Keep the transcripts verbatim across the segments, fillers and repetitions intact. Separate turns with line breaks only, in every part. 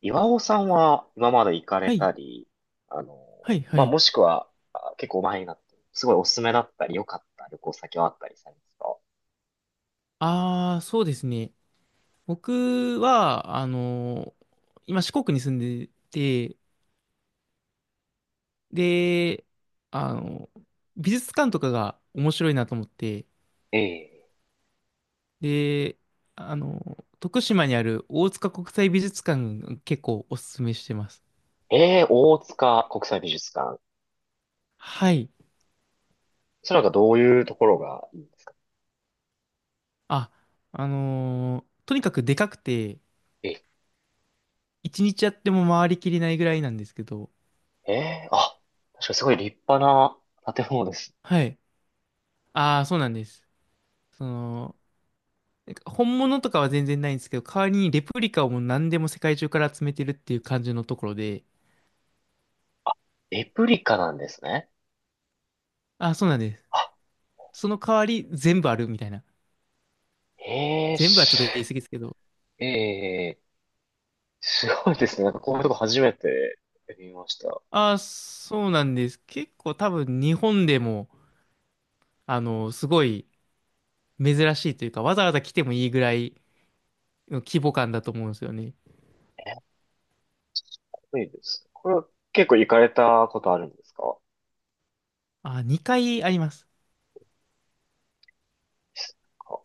岩尾さんは今まで行かれ
はい、
たり、あの、
はい、は
まあ、
い。
もしくは、あ、結構前になって、すごいおすすめだったり、良かった旅行先はあったりされますか？
ああ、そうですね。僕は、あのー今四国に住んでて、で、あのー美術館とかが面白いなと思って、
ええ、
で、あのー徳島にある大塚国際美術館結構おすすめしてます。
ええ、大塚国際美術館。
はい。
それなんかどういうところがいい、
あ、あのーとにかくでかくて、
え
一日やっても回りきれないぐらいなんですけど、
え、ええ、あ、確かにすごい立派な建物です。
はい。ああ、そうなんです。その、なんか本物とかは全然ないんですけど、代わりにレプリカをもう何でも世界中から集めてるっていう感じのところで、
レプリカなんですね。
あ、そうなんです。
あ、
その代わり全部あるみたいな。
ええ
全部はちょっ
し、
と言い過ぎですけど。
ええ、すごいですね。なんかこういうとこ初めて見ました。
あ、そうなんです。結構多分日本でも、あの、すごい珍しいというか、わざわざ来てもいいぐらいの規模感だと思うんですよね。
ええ、すごいです。これは結構行かれたことあるんですか？
あ、にかいあります。
なんか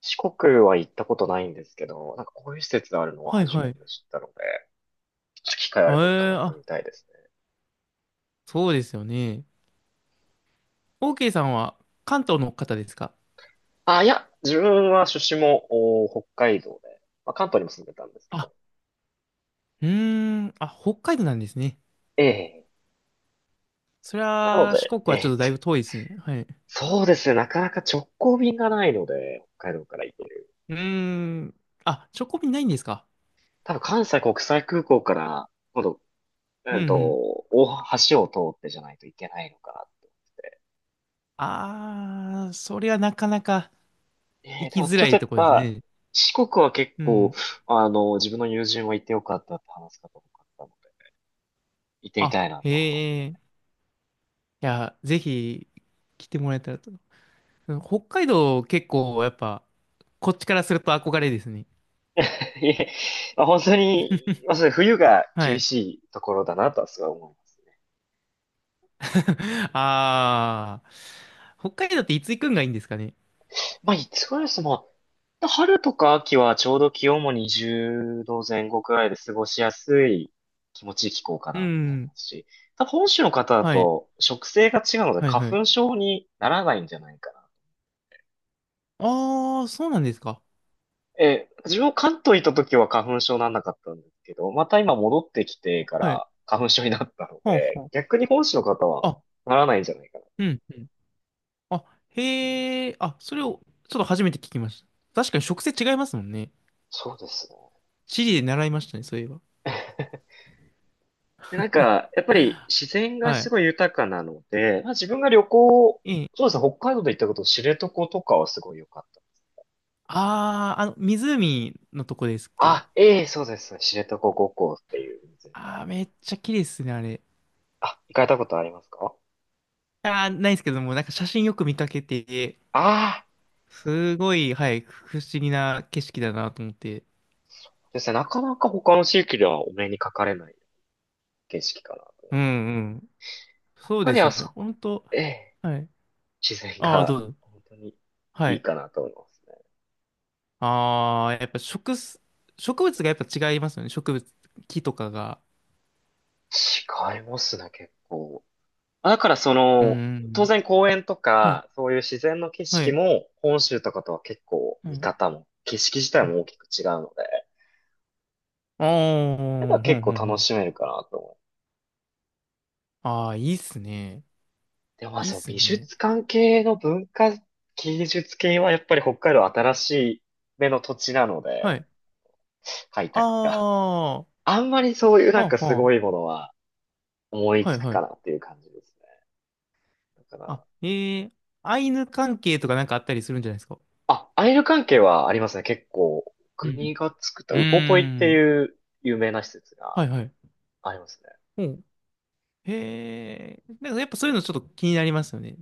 四国は行ったことないんですけど、なんかこういう施設があるのを
はい
初
は
め
い。
て知ったので、ちょっと機会あ
あ、
れば伺
え
っ
ー
て
あ、
みたいですね。
そうですよね。OK さんは関東の方ですか？
あ、いや、自分は出身もお北海道で、まあ、関東にも住んでたんですけ
あ、
ど。
うーん、あ、北海道なんですね。
ええ、
そり
なの
ゃ、四
で、
国
え
はちょっ
え、
とだいぶ遠いですね。はい。う
そうですね、なかなか直行便がないので、北海道から行ける。
ーん。あ、チョコビないんですか？
多分関西国際空港から、今度、
う
う
んう
んと、
ん。
大橋を通ってじゃないといけないのかな。
あー、それはなかなか
えー、
行
で
き
も
づ
ちょ
ら
っと
い
やっ
とこです
ぱ、
ね。
四国は結
う
構、
ん。
あの、自分の友人は行ってよかったって話す方多かったので、行ってみ
あ、
たいなと思います
へえ。いや、ぜひ来てもらえたらと。北海道結構やっぱ、こっちからすると憧れですね。
ね。いえ、まあ、本当に、まあ、それ冬が
は
厳
い。
しいところだなとはすごい思いますね。
あー。北海道っていつ行くんがいいんですかね？
まあ、いつぐらいですまあ、春とか秋はちょうど気温もにじゅうど後くらいで過ごしやすい気持ちいい気候か
う
なと思いま
ん。
すし、多分本州の方だ
はい。
と食性が違うので
はいは
花
い。
粉症にならないんじゃないかな。
あー、そうなんですか。
えー、自分も関東行った時は花粉症なんなかったんですけど、また今戻ってきてか
はい。
ら花粉症になったの
ほう
で、
ほ
逆に本州の方は
う。
ならないんじゃないかな。
うん、うん。あ、へえ、あ、それを、ちょっと初めて聞きました。確かに植生違いますもんね。
そうですね。
地理で習いましたね、そういえば。
で、なんか、やっぱり自然が
は
す
い。
ごい豊かなので、まあ、自分が旅行、
え
そう
え。
ですね、北海道で行ったこと、知床とかはすごい良かった。
あー、あの、湖のとこですっけ。
あ、ええ、そうですね、知床五湖っていう湖
あ
だ。
ー、めっちゃ綺麗ですね、あれ。
あ、行かれたことありますか？
あー、ないですけども、なんか写真よく見かけて、
ああ
すごい、はい、不思議な景色だなと思って。
ー、ですね、なかなか他の地域ではお目にかかれない景色かな。
うんうん。
やっ
そう
ぱ
で
り
す
あ
よね、
そ
ほ
こ、
んと。
ええ、
はい。
自然
あー、ど
が
うぞ。
本当に
は
いい
い。
かなと思います
あー、やっぱ植す、植物がやっぱ違いますよね、植物、木とかが。
ね。違いますね、結構。だからそ
うー
の、当
ん。
然公園と
はい。
か、そういう自然の景
は
色
い。
も、本州とかとは結構
う
見
ん。
方も、景色自
う
体
ん。
も大きく違うので、
ああ、
なんか
ふ
結
ん
構
ふんふ
楽
ん。
しめるかなと思う。
ああ、いいっすね。
でもまあ
いいっ
その
す
美
ね。
術関係の文化、芸術系はやっぱり北海道新しい目の土地なの
は
で、
い。
開
あ
拓が。
あ、は
あんまりそういうなん
あ
かす
は
ごいものは、思い
あ。は
つ
い
く
は
かな
い。
っていう感じですね。だか
あ、
ら、
えーアイヌ関係とかなんかあったりするんじゃないですか。
あ、アイル関係はありますね。結構、
うん。
国が作った
う
ウポポイって
ーん。
いう有名な施設が
はいはい。
ありますね。
おう。へえ。なんかやっぱそういうのちょっと気になりますよね。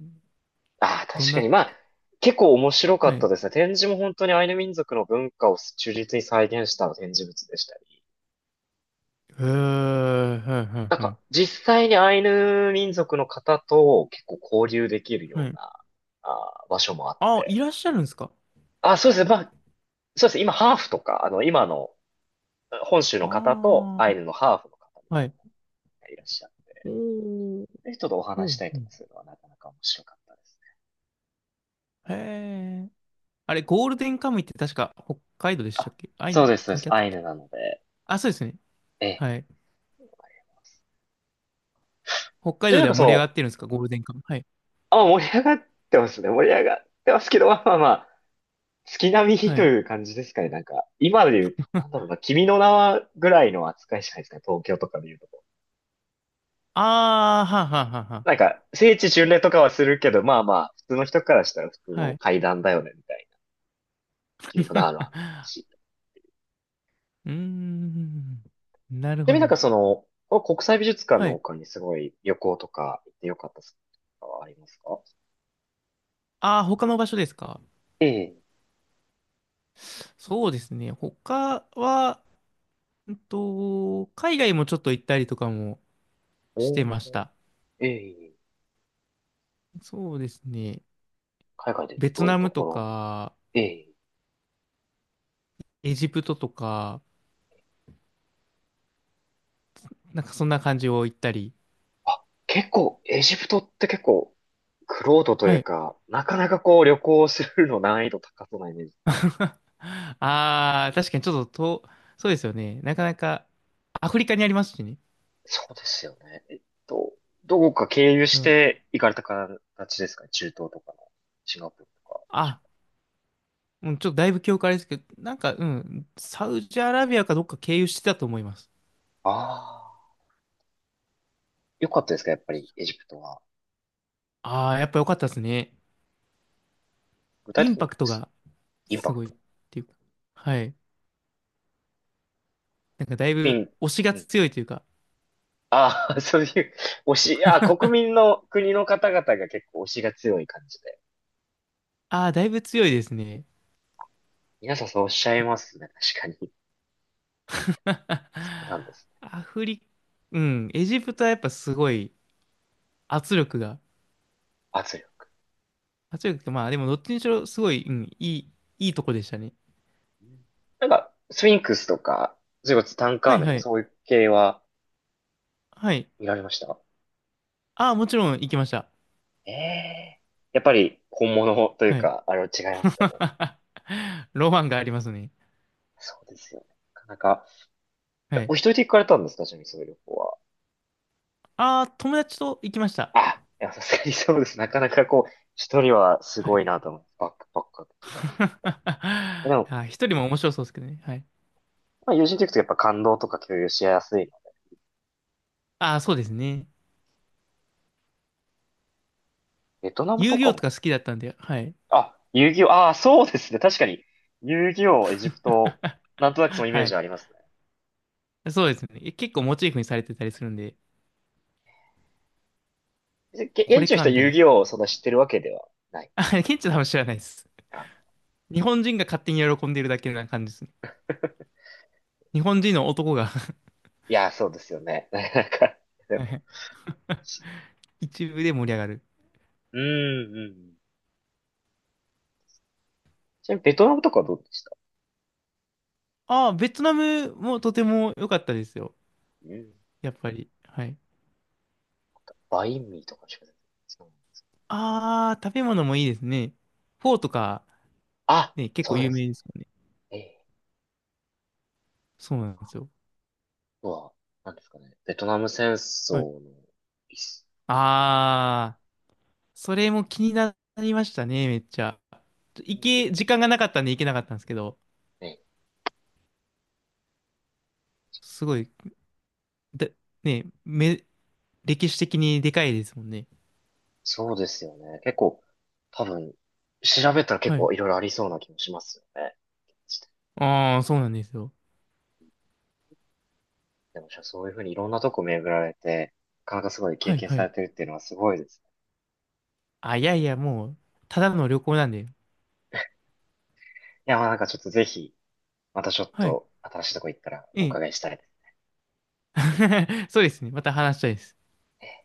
ああ、
どん
確か
な、
に。まあ、結構面白か
は
っ
い。
た
へ
ですね。展示も本当にアイヌ民族の文化を忠実に再現した展示物でしたり。
え、はいは
なん
いは
か、
い。
実際にアイヌ民族の方と結構交流できる
は
よう
い。
な、あー、場所もあっ
あい
て。
らっしゃるんですか。
あ、そうですね。まあ、そうですね。今、ハーフとか、あの、今の本州の方と
あ
ア
あ
イ
ー、
ヌのハーフの方みた
は
い
い。
ないらっしゃる。
おー
人ちょっとお
お
話し
ん
たり
う
とか
ん
するのはなかなか面白かったですね。
へえ。あれ、ゴールデンカムイって確か北海道でしたっ
あ、
け？あい
そう
に
です、そう
関
で
係あ
す。
った
ア
っ
イ
け？
ヌなので。
あ、そうですね。
ええ。
はい。北海
じゃあ
道
なん
では
かそ
盛り上が
の、
ってるんですか？ゴールデンカムイ。はい。
あ、盛り上がってますね。盛り上がってますけど、まあまあまあ、月並み
は
と
い。
いう感じですかね。なんか、今で言う、なんだろうな、君の名はぐらいの扱いじゃないですかね。東京とかで言うとこ。
あー、はんはんはんは
なんか、聖地巡礼とかはするけど、まあまあ、普通の人からしたら普通
あは
の
い。
階段だよね、みたいな。君の名はある し。
うーん。なる
ちなみ
ほ
になんか
ど。
その、この国際美術館
は
の
い。
他にすごい旅行とか行ってよかったスポットとかはありますか？
ああ、他の場所ですか？
ええ、
そうですね。他は、うんと、海外もちょっと行ったりとかもし
お
てまし
ー、
た。
ええ、
そうですね。
海外で言う
ベ
とど
ト
ういう
ナ
と
ム
こ
と
ろ。
か、
ええ、
エジプトとか、なんかそんな感じを行ったり
あ、結構、エジプトって結構、クロードとい
は
う
い。
か、なかなかこう旅行するの難易度高そうなイメージ。
ああ、確かにちょっと遠、そうですよね。なかなか、アフリカにありますしね。
そうですよね。えっと、どこか経由
う
し
ん。
て行かれた形ですかね、中東とかの、シンガポールとか。
あ、うん、ちょっとだいぶ記憶あれですけど、なんか、うん、サウジアラビアかどっか経由してたと思います。
ああ、よかったですか、やっぱりエジプトは。
ああ、やっぱ良かったですね。
具体
イ
的
ン
に
パクトが
インパ
す
ク
ごいっていうか。はい。なんかだい
ピ
ぶ
ン、
推しが
うん。
強いというか、
ああ、そういう、推し、あー、国民の国の方々が結構推しが強い感じで。
ああ、だいぶ強いですね。
皆さんそうおっしゃいますね。確かに。そうなんで すね。
アフリ、うん、エジプトはやっぱすごい圧力が
圧力。
はちおく、まあでもどっちにしろすごい、うん、いい、いいとこでしたね。
うん、なんか、スフィンクスとか、それこそツタンカ
は
ー
い
メンと
は
か
い。
そういう系は
はい。
見られました？
ああ、もちろん行きました。
ええ、やっぱり本物という
はい。
か、あれは違いますかね。
ロマンがありますね。
そうですよね。なかなか、え
はい。
お一人で行かれたんですか、ちなみにそういう旅行は。
ああ、友達と行きました。
あ、いや、さすがにそうです。なかなかこう、一人はす
は
ごい
い。
なと思って、バックパッカー的な。でも、
あ、一人も面白そうですけどね。はい。
まあ、友人と行くとやっぱ感動とか共有しやすいの。
ああ、そうですね。
ベトナム
遊
と
戯
か
王と
も。
か好きだったんで、はい。
あ、遊戯王、ああ、そうですね。確かに。遊戯王、エジプト、なんとなくそのイメー
は
ジ
い。
はあります
そうですね。え、結構モチーフにされてたりするんで、
ね。げ
こ
現
れ
地の
か、
人
み
は
たい
遊
な。
戯王をそんな知ってるわけではない。
あ、ケンチさんは多分知らないです。
あ、
日本人が勝手に喜んでるだけな感じですね。日本人の男が
いや、そうですよね。なんか、でも、
一部で盛り上がる。
うん、うんうん。ちなみにベトナムとかはどうでした？
ああ、ベトナムもとても良かったですよ。
うん。
やっぱり。はい。
バインミーとかしか出てこないそ
ああ、食べ物もいいですね。
う
フォー
え、
とか、
あ、
ね、結構
そうで
有
す
名ですもんね。
ね。ええ、
そうなんですよ。
うなんですかね。ベトナム戦争
はい。
の、いっ
ああ、それも気になりましたね、めっちゃ。
う
行
ん
け、時間がなかったんで行けなかったんですけど、
ね、
すごい、で、ね、め、歴史的にでかいですもんね。
そうですよね。結構、多分、調べたら結
は
構
い。
いろいろありそうな気もしますよね。
ああ、そうなんですよ。
でも、じゃあそういうふうにいろんなとこ巡られて、なかなかすごい
は
経
い、
験
は
さ
い。
れてるっていうのはすごいですね。
あ、いやいや、もう、ただの旅行なんで。
いや、まあなんかちょっとぜひ、またちょっ
はい。
と新しいとこ行ったらお
ええ
伺いしたいです
そうですね。また話したいです。
ね。